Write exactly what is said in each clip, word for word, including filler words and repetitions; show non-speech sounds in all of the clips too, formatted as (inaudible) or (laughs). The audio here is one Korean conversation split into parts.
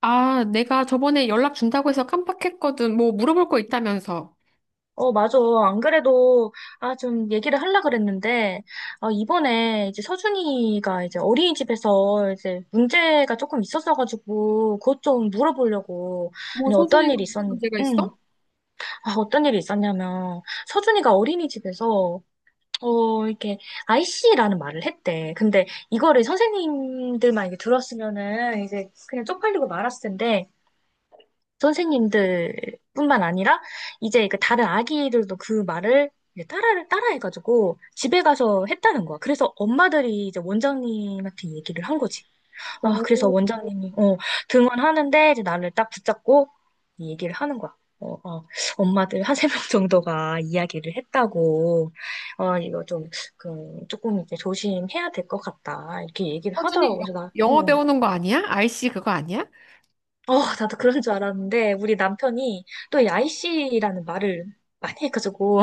아, 내가 저번에 연락 준다고 해서 깜빡했거든. 뭐 물어볼 거 있다면서. 어, 맞아. 안 그래도, 아, 좀 얘기를 하려고 그랬는데, 아, 이번에 이제 서준이가 이제 어린이집에서 이제 문제가 조금 있었어가지고, 그것 좀 물어보려고. 뭐 아니, 어떤 서준이가 일이 무슨 있었, 문제가 응. 있어? 아, 어떤 일이 있었냐면, 서준이가 어린이집에서, 어, 이렇게, 아이씨 말을 했대. 근데 이거를 선생님들만 이게 들었으면은 이제 그냥 쪽팔리고 말았을 텐데, 선생님들뿐만 아니라 이제 그 다른 아기들도 그 말을 이제 따라 따라해가지고 집에 가서 했다는 거야. 그래서 엄마들이 이제 원장님한테 얘기를 한 거지. 아, 그래서 오, 원장님이 어, 등원하는데 이제 나를 딱 붙잡고 이 얘기를 하는 거야. 어, 어, 엄마들 한 세명 (laughs) 정도가 이야기를 했다고, 어, 이거 좀, 그, 조금 이제 조심해야 될 것 같다. 이렇게 얘기를 하더라고. 서준이 여- 그래서 나, 영어 어, 배우는 거 아니야? 아이씨 그거 아니야? 어, 나도 그런 줄 알았는데, 우리 남편이 또 야이씨라는 말을 많이 해가지고,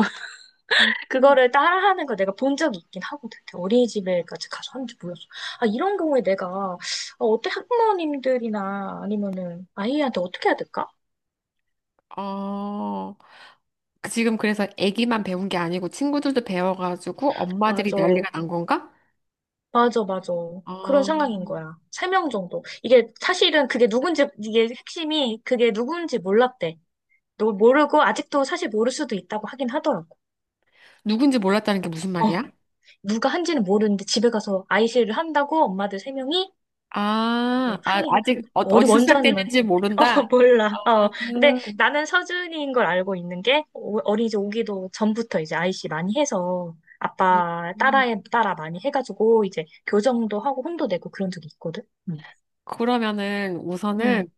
음. (laughs) 그거를 따라하는 거 내가 본 적이 있긴 하거든. 어린이집에까지 가서 하는지 몰랐어. 아, 이런 경우에 내가, 어, 어때, 학부모님들이나 아니면은 아이한테 어떻게 해야 될까? 어, 그 지금 그래서 애기만 배운 게 아니고 친구들도 배워가지고 엄마들이 맞아, 난리가 난 건가? 맞아, 맞아. 그런 어, 상황인 거야. 세 명 정도. 이게 사실은 그게 누군지, 이게 핵심이 그게 누군지 몰랐대. 너 모르고 아직도 사실 모를 수도 있다고 하긴 하더라고. 누군지 몰랐다는 게 무슨 어. 말이야? 누가 한지는 모르는데 집에 가서 아이씨를 한다고 엄마들 세 명이 아, 이제 아 항의를 한 아직 거. 어, 우리 어디서 시작됐는지 원장님한테. (laughs) 어, 모른다? 아, 몰라. 어. 근데 음. 나는 서준이인 걸 알고 있는 게 어- 어린이집 오기도 전부터 이제 아이씨 많이 해서 아빠 따라에 따라 많이 해가지고 이제 교정도 하고 혼도 내고 그런 적이 있거든. 응. 그러면은 응. 우선은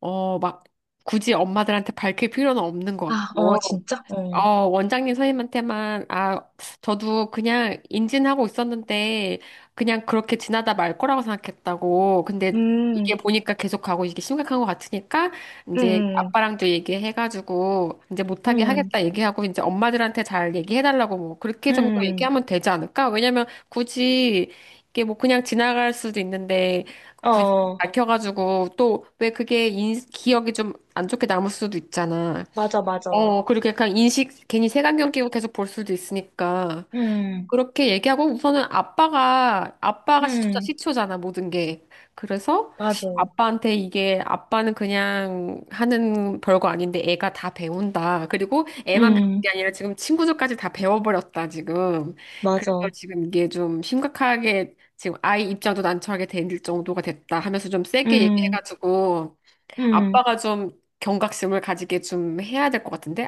어, 막 굳이 엄마들한테 밝힐 필요는 없는 것 아, 같고. 어, 진짜? 어, 어. 원장님 선생님한테만, 아, 저도 그냥 인진하고 있었는데, 그냥 그렇게 지나다 말 거라고 생각했다고. 근데 이게 음, 보니까 계속 가고 이게 심각한 것 같으니까, 이제 음, 아빠랑도 얘기해가지고, 이제 못하게 음, 하겠다 얘기하고, 이제 엄마들한테 잘 얘기해달라고 뭐, 그렇게 음. 정도 음. 얘기하면 되지 않을까? 왜냐면 굳이 이게 뭐 그냥 지나갈 수도 있는데, 굳이 어, 밝혀가지고, 또 왜 그게 인, 기억이 좀 안 좋게 남을 수도 있잖아. 맞아, 맞아. 어, 그리고 약간 인식, 괜히 색안경 끼고 계속 볼 수도 있으니까. 음, 그렇게 얘기하고 우선은 아빠가, 아빠가 시초자, 음, 시초잖아, 모든 게. 그래서 맞아. 아빠한테 이게 아빠는 그냥 하는 별거 아닌데 애가 다 배운다. 그리고 애만 배운 음. 게 아니라 지금 친구들까지 다 배워버렸다, 지금. 그래서 맞아. 지금 이게 좀 심각하게 지금 아이 입장도 난처하게 될 정도가 됐다 하면서 좀 세게 음, 얘기해가지고 음. 아빠가 좀 경각심을 가지게 좀 해야 될 것 같은데?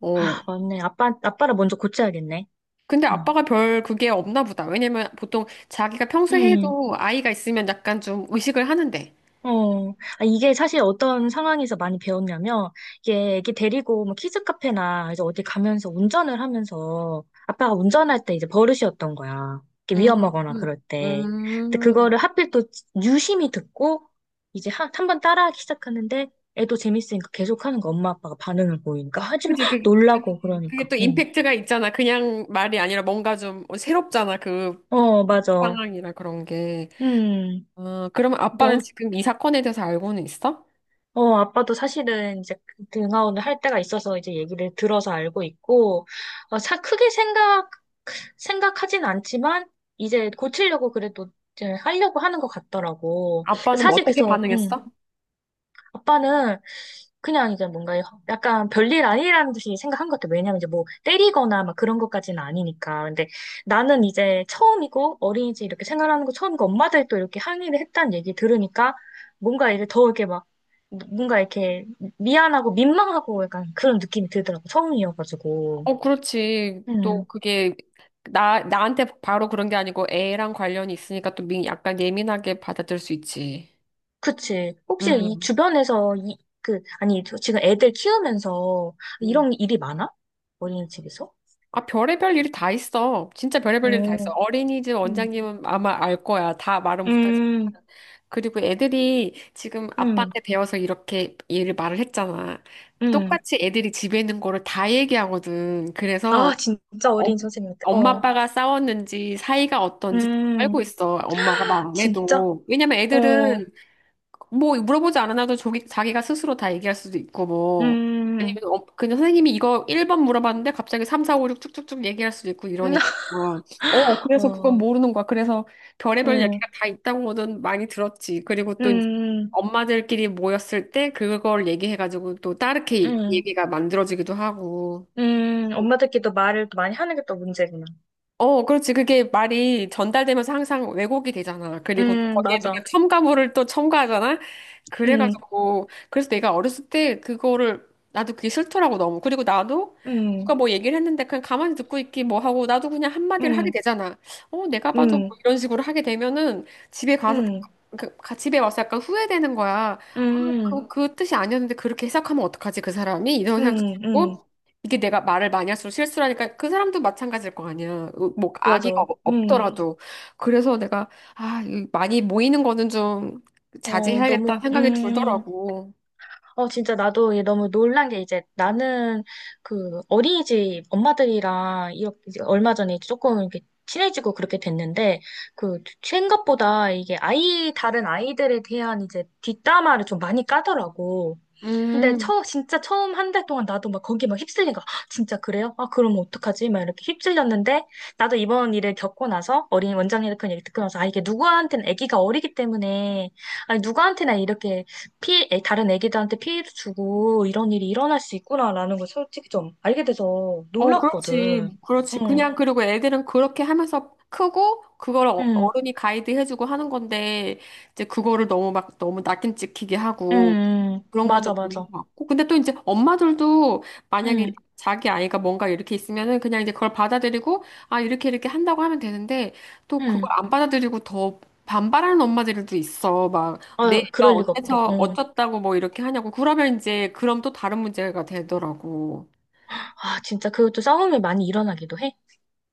어. 아, 맞네. 아빠, 아빠를 먼저 고쳐야겠네. 근데 음. 아빠가 별 그게 없나 보다. 왜냐면 보통 자기가 평소에 음, 해도 아이가 있으면 약간 좀 의식을 하는데. 어. 아, 이게 사실 어떤 상황에서 많이 배웠냐면, 이게 애기 데리고 뭐 키즈 카페나 이제 어디 가면서 운전을 하면서 아빠가 운전할 때 이제 버릇이었던 거야. 이렇게 음, 위험하거나 그럴 때. 음, 근데 음. 그거를 하필 또 유심히 듣고 이제 한, 한 번 따라하기 시작하는데 애도 재밌으니까 계속 하는 거 엄마 아빠가 반응을 보이니까 하지마 그치, 그, 놀라고 그치. 그게 그러니까. 또 응. 임팩트가 있잖아. 그냥 말이 아니라 뭔가 좀 새롭잖아. 그 어, 맞아. 상황이라 그런 게. 음, 아, 그러면 아빠는 너, 지금 이 사건에 대해서 알고는 있어? 어, 어, 아빠도 사실은 이제 그 등하원을 할 때가 있어서 이제 얘기를 들어서 알고 있고, 어, 사, 크게 생각, 생각하진 않지만, 이제 고치려고 그래도 이제 하려고 하는 것 같더라고. 아빠는 뭐 사실 어떻게 그래서, 음, 반응했어? 아빠는 그냥 이제 뭔가 약간 별일 아니라는 듯이 생각한 것 같아요. 왜냐면 이제 뭐 때리거나 막 그런 것까지는 아니니까. 근데 나는 이제 처음이고 어린이집 이렇게 생활하는 거 처음이고 엄마들 또 이렇게 항의를 했다는 얘기 들으니까 뭔가 이제 더 이렇게 막 뭔가 이렇게 미안하고 민망하고 약간 그런 느낌이 들더라고. 처음이어가지고. 어, 그렇지. 또 음, 그게 나, 나한테 바로 그런 게 아니고 애랑 관련이 있으니까 또 미- 약간 예민하게 받아들일 수 있지. 그치. 혹시 이 음. 주변에서 이, 그, 아니, 저 지금 애들 키우면서 음. 이런 일이 많아? 어린이집에서? 아, 별의별 일이 다 있어. 진짜 별의별 일이 다 어, 있어. 어린이집 음. 원장님은 아마 알 거야. 다 말은 못하지. 음, 그리고 애들이 지금 음, 아빠한테 배워서 이렇게 얘를 말을 했잖아. 음. 똑같이 애들이 집에 있는 거를 다 얘기하거든. 그래서 아, 진짜 엄, 어린 선생님 같아. 엄마 어, 아빠가 싸웠는지 사이가 어떤지 다 음, 알고 있어. 엄마가 망안 진짜? 해도. 왜냐면 어, 애들은 뭐 물어보지 않아도 조기, 자기가 스스로 다 얘기할 수도 있고, 뭐 음, 음, 아니면 어, 그냥 선생님이 이거 일 번 물어봤는데 갑자기 삼, 사, 오, 육 쭉쭉쭉 얘기할 수도 있고 이러니까 (laughs) 어, 그래서 그건 어, 모르는 거야. 그래서 별의별 어, 얘기가 다 있다고는 많이 들었지. 그리고 또 이제 음, 엄마들끼리 모였을 때 그걸 얘기해가지고 또 다르게 음, 얘기가 만들어지기도 하고. 음. 엄마들끼리도 말을 또 많이 하는 게 또 문제구나. 어, 그렇지. 그게 말이 전달되면서 항상 왜곡이 되잖아. 그리고 또 음, 거기에 내가 맞아. 첨가물을 또 첨가하잖아. 음, 그래가지고, 그래서 내가 어렸을 때 그거를, 나도 그게 싫더라고, 너무. 그리고 나도 음, 누가 뭐 얘기를 했는데 그냥 가만히 듣고 있기 뭐 하고, 나도 그냥 한마디를 하게 음, 되잖아. 어, 내가 봐도 뭐 음, 이런 식으로 하게 되면은 집에 가서, 음, 그, 가- 집에 와서 약간 후회되는 거야. 아, 음, 그, 그 뜻이 아니었는데 그렇게 해석하면 어떡하지, 그 사람이? 이런 생각도 음, 음. 들고. 이게 내가 말을 많이 할수록 실수를 하니까 그 사람도 마찬가지일 거 아니야. 으, 뭐 악의가 맞아. 없- 음, 없더라도. 그래서 내가 아, 이 많이 모이는 거는 좀 어, 자제해야겠다 너무, 생각이 음. 들더라고. 어, 진짜 나도 이게 너무 놀란 게 이제 나는 그 어린이집 엄마들이랑 이렇게 이제 얼마 전에 이제 조금 이렇게 친해지고 그렇게 됐는데 그 생각보다 이게 아이, 다른 아이들에 대한 이제 뒷담화를 좀 많이 까더라고. 근데 음, 처, 진짜 처음 한 달 동안 나도 막 거기 막 휩쓸린가. "헉, 진짜 그래요? 아, 그러면 어떡하지? 막 이렇게 휩쓸렸는데, 나도 이번 일을 겪고 나서, 어린 원장님의 그런 얘기 듣고 나서, 아, 이게 누구한테는 아기가 어리기 때문에, 아니, 누구한테나 이렇게 피, 애- 다른 아기들한테 피해를 주고, 이런 일이 일어날 수 있구나라는 걸 솔직히 좀 알게 돼서 어, 놀랐거든. 그렇지. 그렇지. 응, 그냥 그리고 애들은 그렇게 하면서 크고 그걸 어- 응, 어른이 가이드 해주고 하는 건데 이제 그거를 너무 막 너무 낙인 찍히게 응, 하고 응. 그런 건 맞아, 좀 맞아. 아닌 것 같고. 근데 또 이제 엄마들도 만약에 응, 자기 아이가 뭔가 이렇게 있으면은 그냥 이제 그걸 받아들이고, 아, 이렇게 이렇게 한다고 하면 되는데, 또 그걸 응. 안 받아들이고 더 반발하는 엄마들도 있어. 막, 내 아, 애가 그럴 리가 없다고. 어때서 응. 어쩌다고 뭐 이렇게 하냐고. 그러면 이제, 그럼 또 다른 문제가 되더라고. 아, 진짜 그것도 싸움이 많이 일어나기도 해.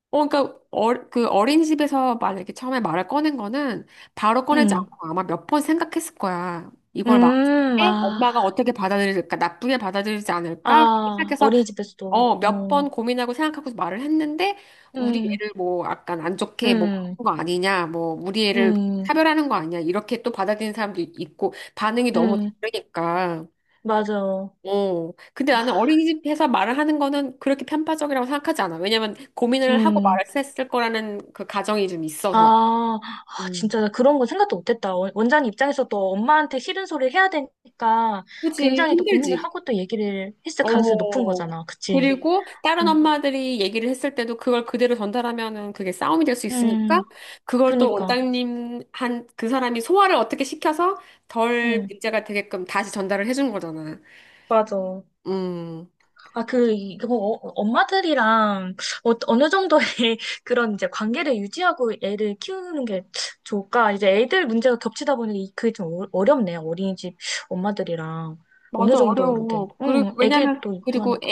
어, 그러니까, 어, 그 어린이집에서 만약에 처음에 말을 꺼낸 거는 바로 꺼내지 응. 않고 아마 몇 번 생각했을 거야. 이걸 막 음, 때 아, 엄마가 어떻게 받아들일까? 나쁘게 받아들이지 않을까? 그렇게 아, 생각해서 어린이집에서도, 어, 몇 어, 번 고민하고 생각하고 말을 했는데, 우리 음, 애를 뭐, 약간 안 좋게 뭐, 하 음, 거 아니냐, 뭐, 우리 애를 음, 차별하는 거 아니냐, 이렇게 또 받아들이는 사람도 있고, 반응이 너무 음, 다르니까. 맞아. 어, 근데 아, 나는 어린이집에서 말을 하는 거는 그렇게 편파적이라고 생각하지 않아. 왜냐면 고민을 하고 음, 말을 했을 거라는 그 가정이 좀 있어서. 아, 아, 음. 진짜 나 그런 건 생각도 못했다. 원- 원장님 입장에서 또 엄마한테 싫은 소리를 해야 되니까 그지, 굉장히 또 고민을 힘들지. 하고 또 얘기를 했을 가능성이 높은 어. 거잖아. 그치? 그리고 다른 음, 엄마들이 얘기를 했을 때도 그걸 그대로 전달하면은 그게 싸움이 될 수 있으니까 음, 그걸 또 그니까, 원장님 한 그 사람이 소화를 어떻게 시켜서 덜 응. 문제가 되게끔 다시 전달을 해준 거잖아. 맞아. 음. 아, 그, 이거, 어- 엄마들이랑 어, 어느 정도의 (laughs) 그런 이제 관계를 유지하고 애를 키우는 게 좋을까? 이제 애들 문제가 겹치다 보니 이- 그게 좀 어- 어렵네요. 어린이집 엄마들이랑 어느 맞아, 정도로 어려워. 돼. 응, 그리고, 왜냐면, 애기도 있고 그리고 하니까.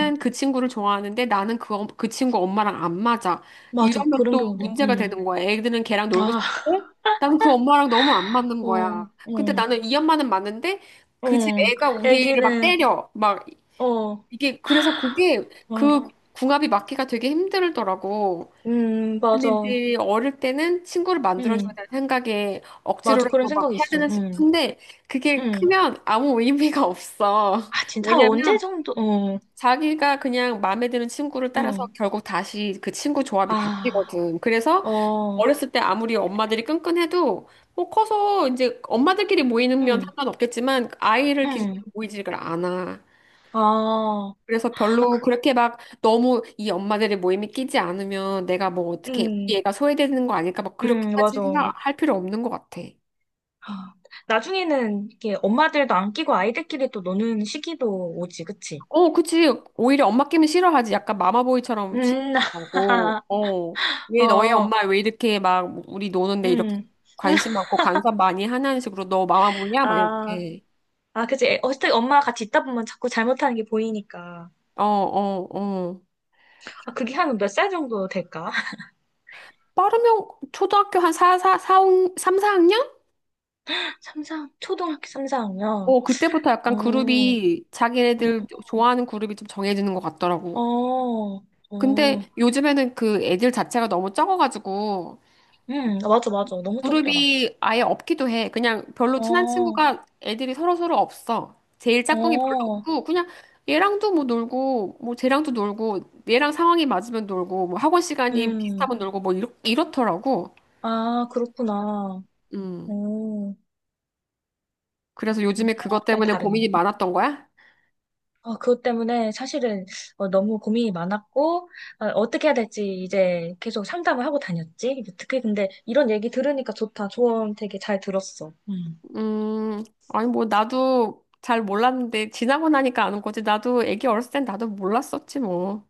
응. 그 친구를 좋아하는데 나는 그, 엄- 그 친구 엄마랑 안 맞아. 맞아, 이러면 그런 또 경우도. 문제가 응. 되는 거야. 애들은 걔랑 놀고 아, 싶은데 나는 그 엄마랑 너무 안 맞는 거야. 어, 근데 응, 나는 이 엄마는 맞는데 그 집 어, 애가 우리 애를 막 애기는, 때려. 막, 어, 어, 이게, 그래서 그게 그 궁합이 맞기가 되게 힘들더라고. 음, 근데 맞아. 이제 어릴 때는 친구를 만들어줘야 음. 되는 생각에 맞아. 그런 억지로라도 막 생각이 해야 있어. 되는 음. 싶은데 그게 음. 크면 아무 의미가 없어. (laughs) 아, 진짜 한 언제 왜냐면 정도, 어, 자기가 그냥 마음에 드는 친구를 따라서 음. 결국 다시 그 친구 조합이 아. 바뀌거든. 그래서 어, 어렸을 때 아무리 엄마들이 끈끈해도 뭐 커서 이제 엄마들끼리 모이면 응, 상관없겠지만 아이를 기준으로 응. 모이지를 않아. 아, 그래서 아, 그, 별로 그렇게 막 너무 이 엄마들의 모임에 끼지 않으면 내가 뭐 어떻게 응, 우리 애가 소외되는 거 아닐까 막 응, 그렇게까지 맞아. 생각할 필요 없는 것 같아. 아, 나중에는 이렇게 엄마들도 안 끼고 아이들끼리 또 노는 시기도 오지, 그치? 어, 그치. 오히려 엄마 끼면 싫어하지. 약간 마마보이처럼 음, 취급하고, (laughs) 어. 왜 너희 어, 엄마 왜 이렇게 막 우리 노는데 이렇게 음, 관심 (laughs) 많고 간섭 많이 하냐는 식으로 너 마마보이야? 막 아, 이렇게. 아, 그치. 어쨌든 엄마 같이 있다 보면 자꾸 잘못하는 게 보이니까. 어, 어, 어. 아, 그게 한 몇 살 정도 될까? 빠르면 초등학교 한 사, 사, 사, 삼, 사 학년? (laughs) 삼사 초등학교 삼사학년. 어, 그때부터 어, 약간 어, 그룹이 자기네들 좋아하는 그룹이 좀 정해지는 것 같더라고. 어, 근데 어. 요즘에는 그 애들 자체가 너무 적어가지고 음, 맞아, 맞아. 너무 적더라. 그룹이 아예 없기도 해. 그냥 별로 친한 어. 친구가 애들이 서로서로 없어. 제일 짝꿍이 별로 어, 없고 그냥 얘랑도 뭐 놀고 뭐 쟤랑도 놀고 얘랑 상황이 맞으면 놀고 뭐 학원 시간이 음, 비슷하면 놀고 뭐 이렇, 이렇더라고. 아, 그렇구나. 음. 오, 그래서 요즘에 그것 상황 따라 때문에 다르네. 고민이 많았던 거야? 아, 그것 때문에 사실은 어, 너무 고민이 많았고, 아, 어떻게 해야 될지 이제 계속 상담을 하고 다녔지. 특히 근데 이런 얘기 들으니까 좋다. 조언 되게 잘 들었어. 음. 음, 아니, 뭐, 나도 잘 몰랐는데, 지나고 나니까 아는 거지. 나도 애기 어렸을 땐 나도 몰랐었지, 뭐.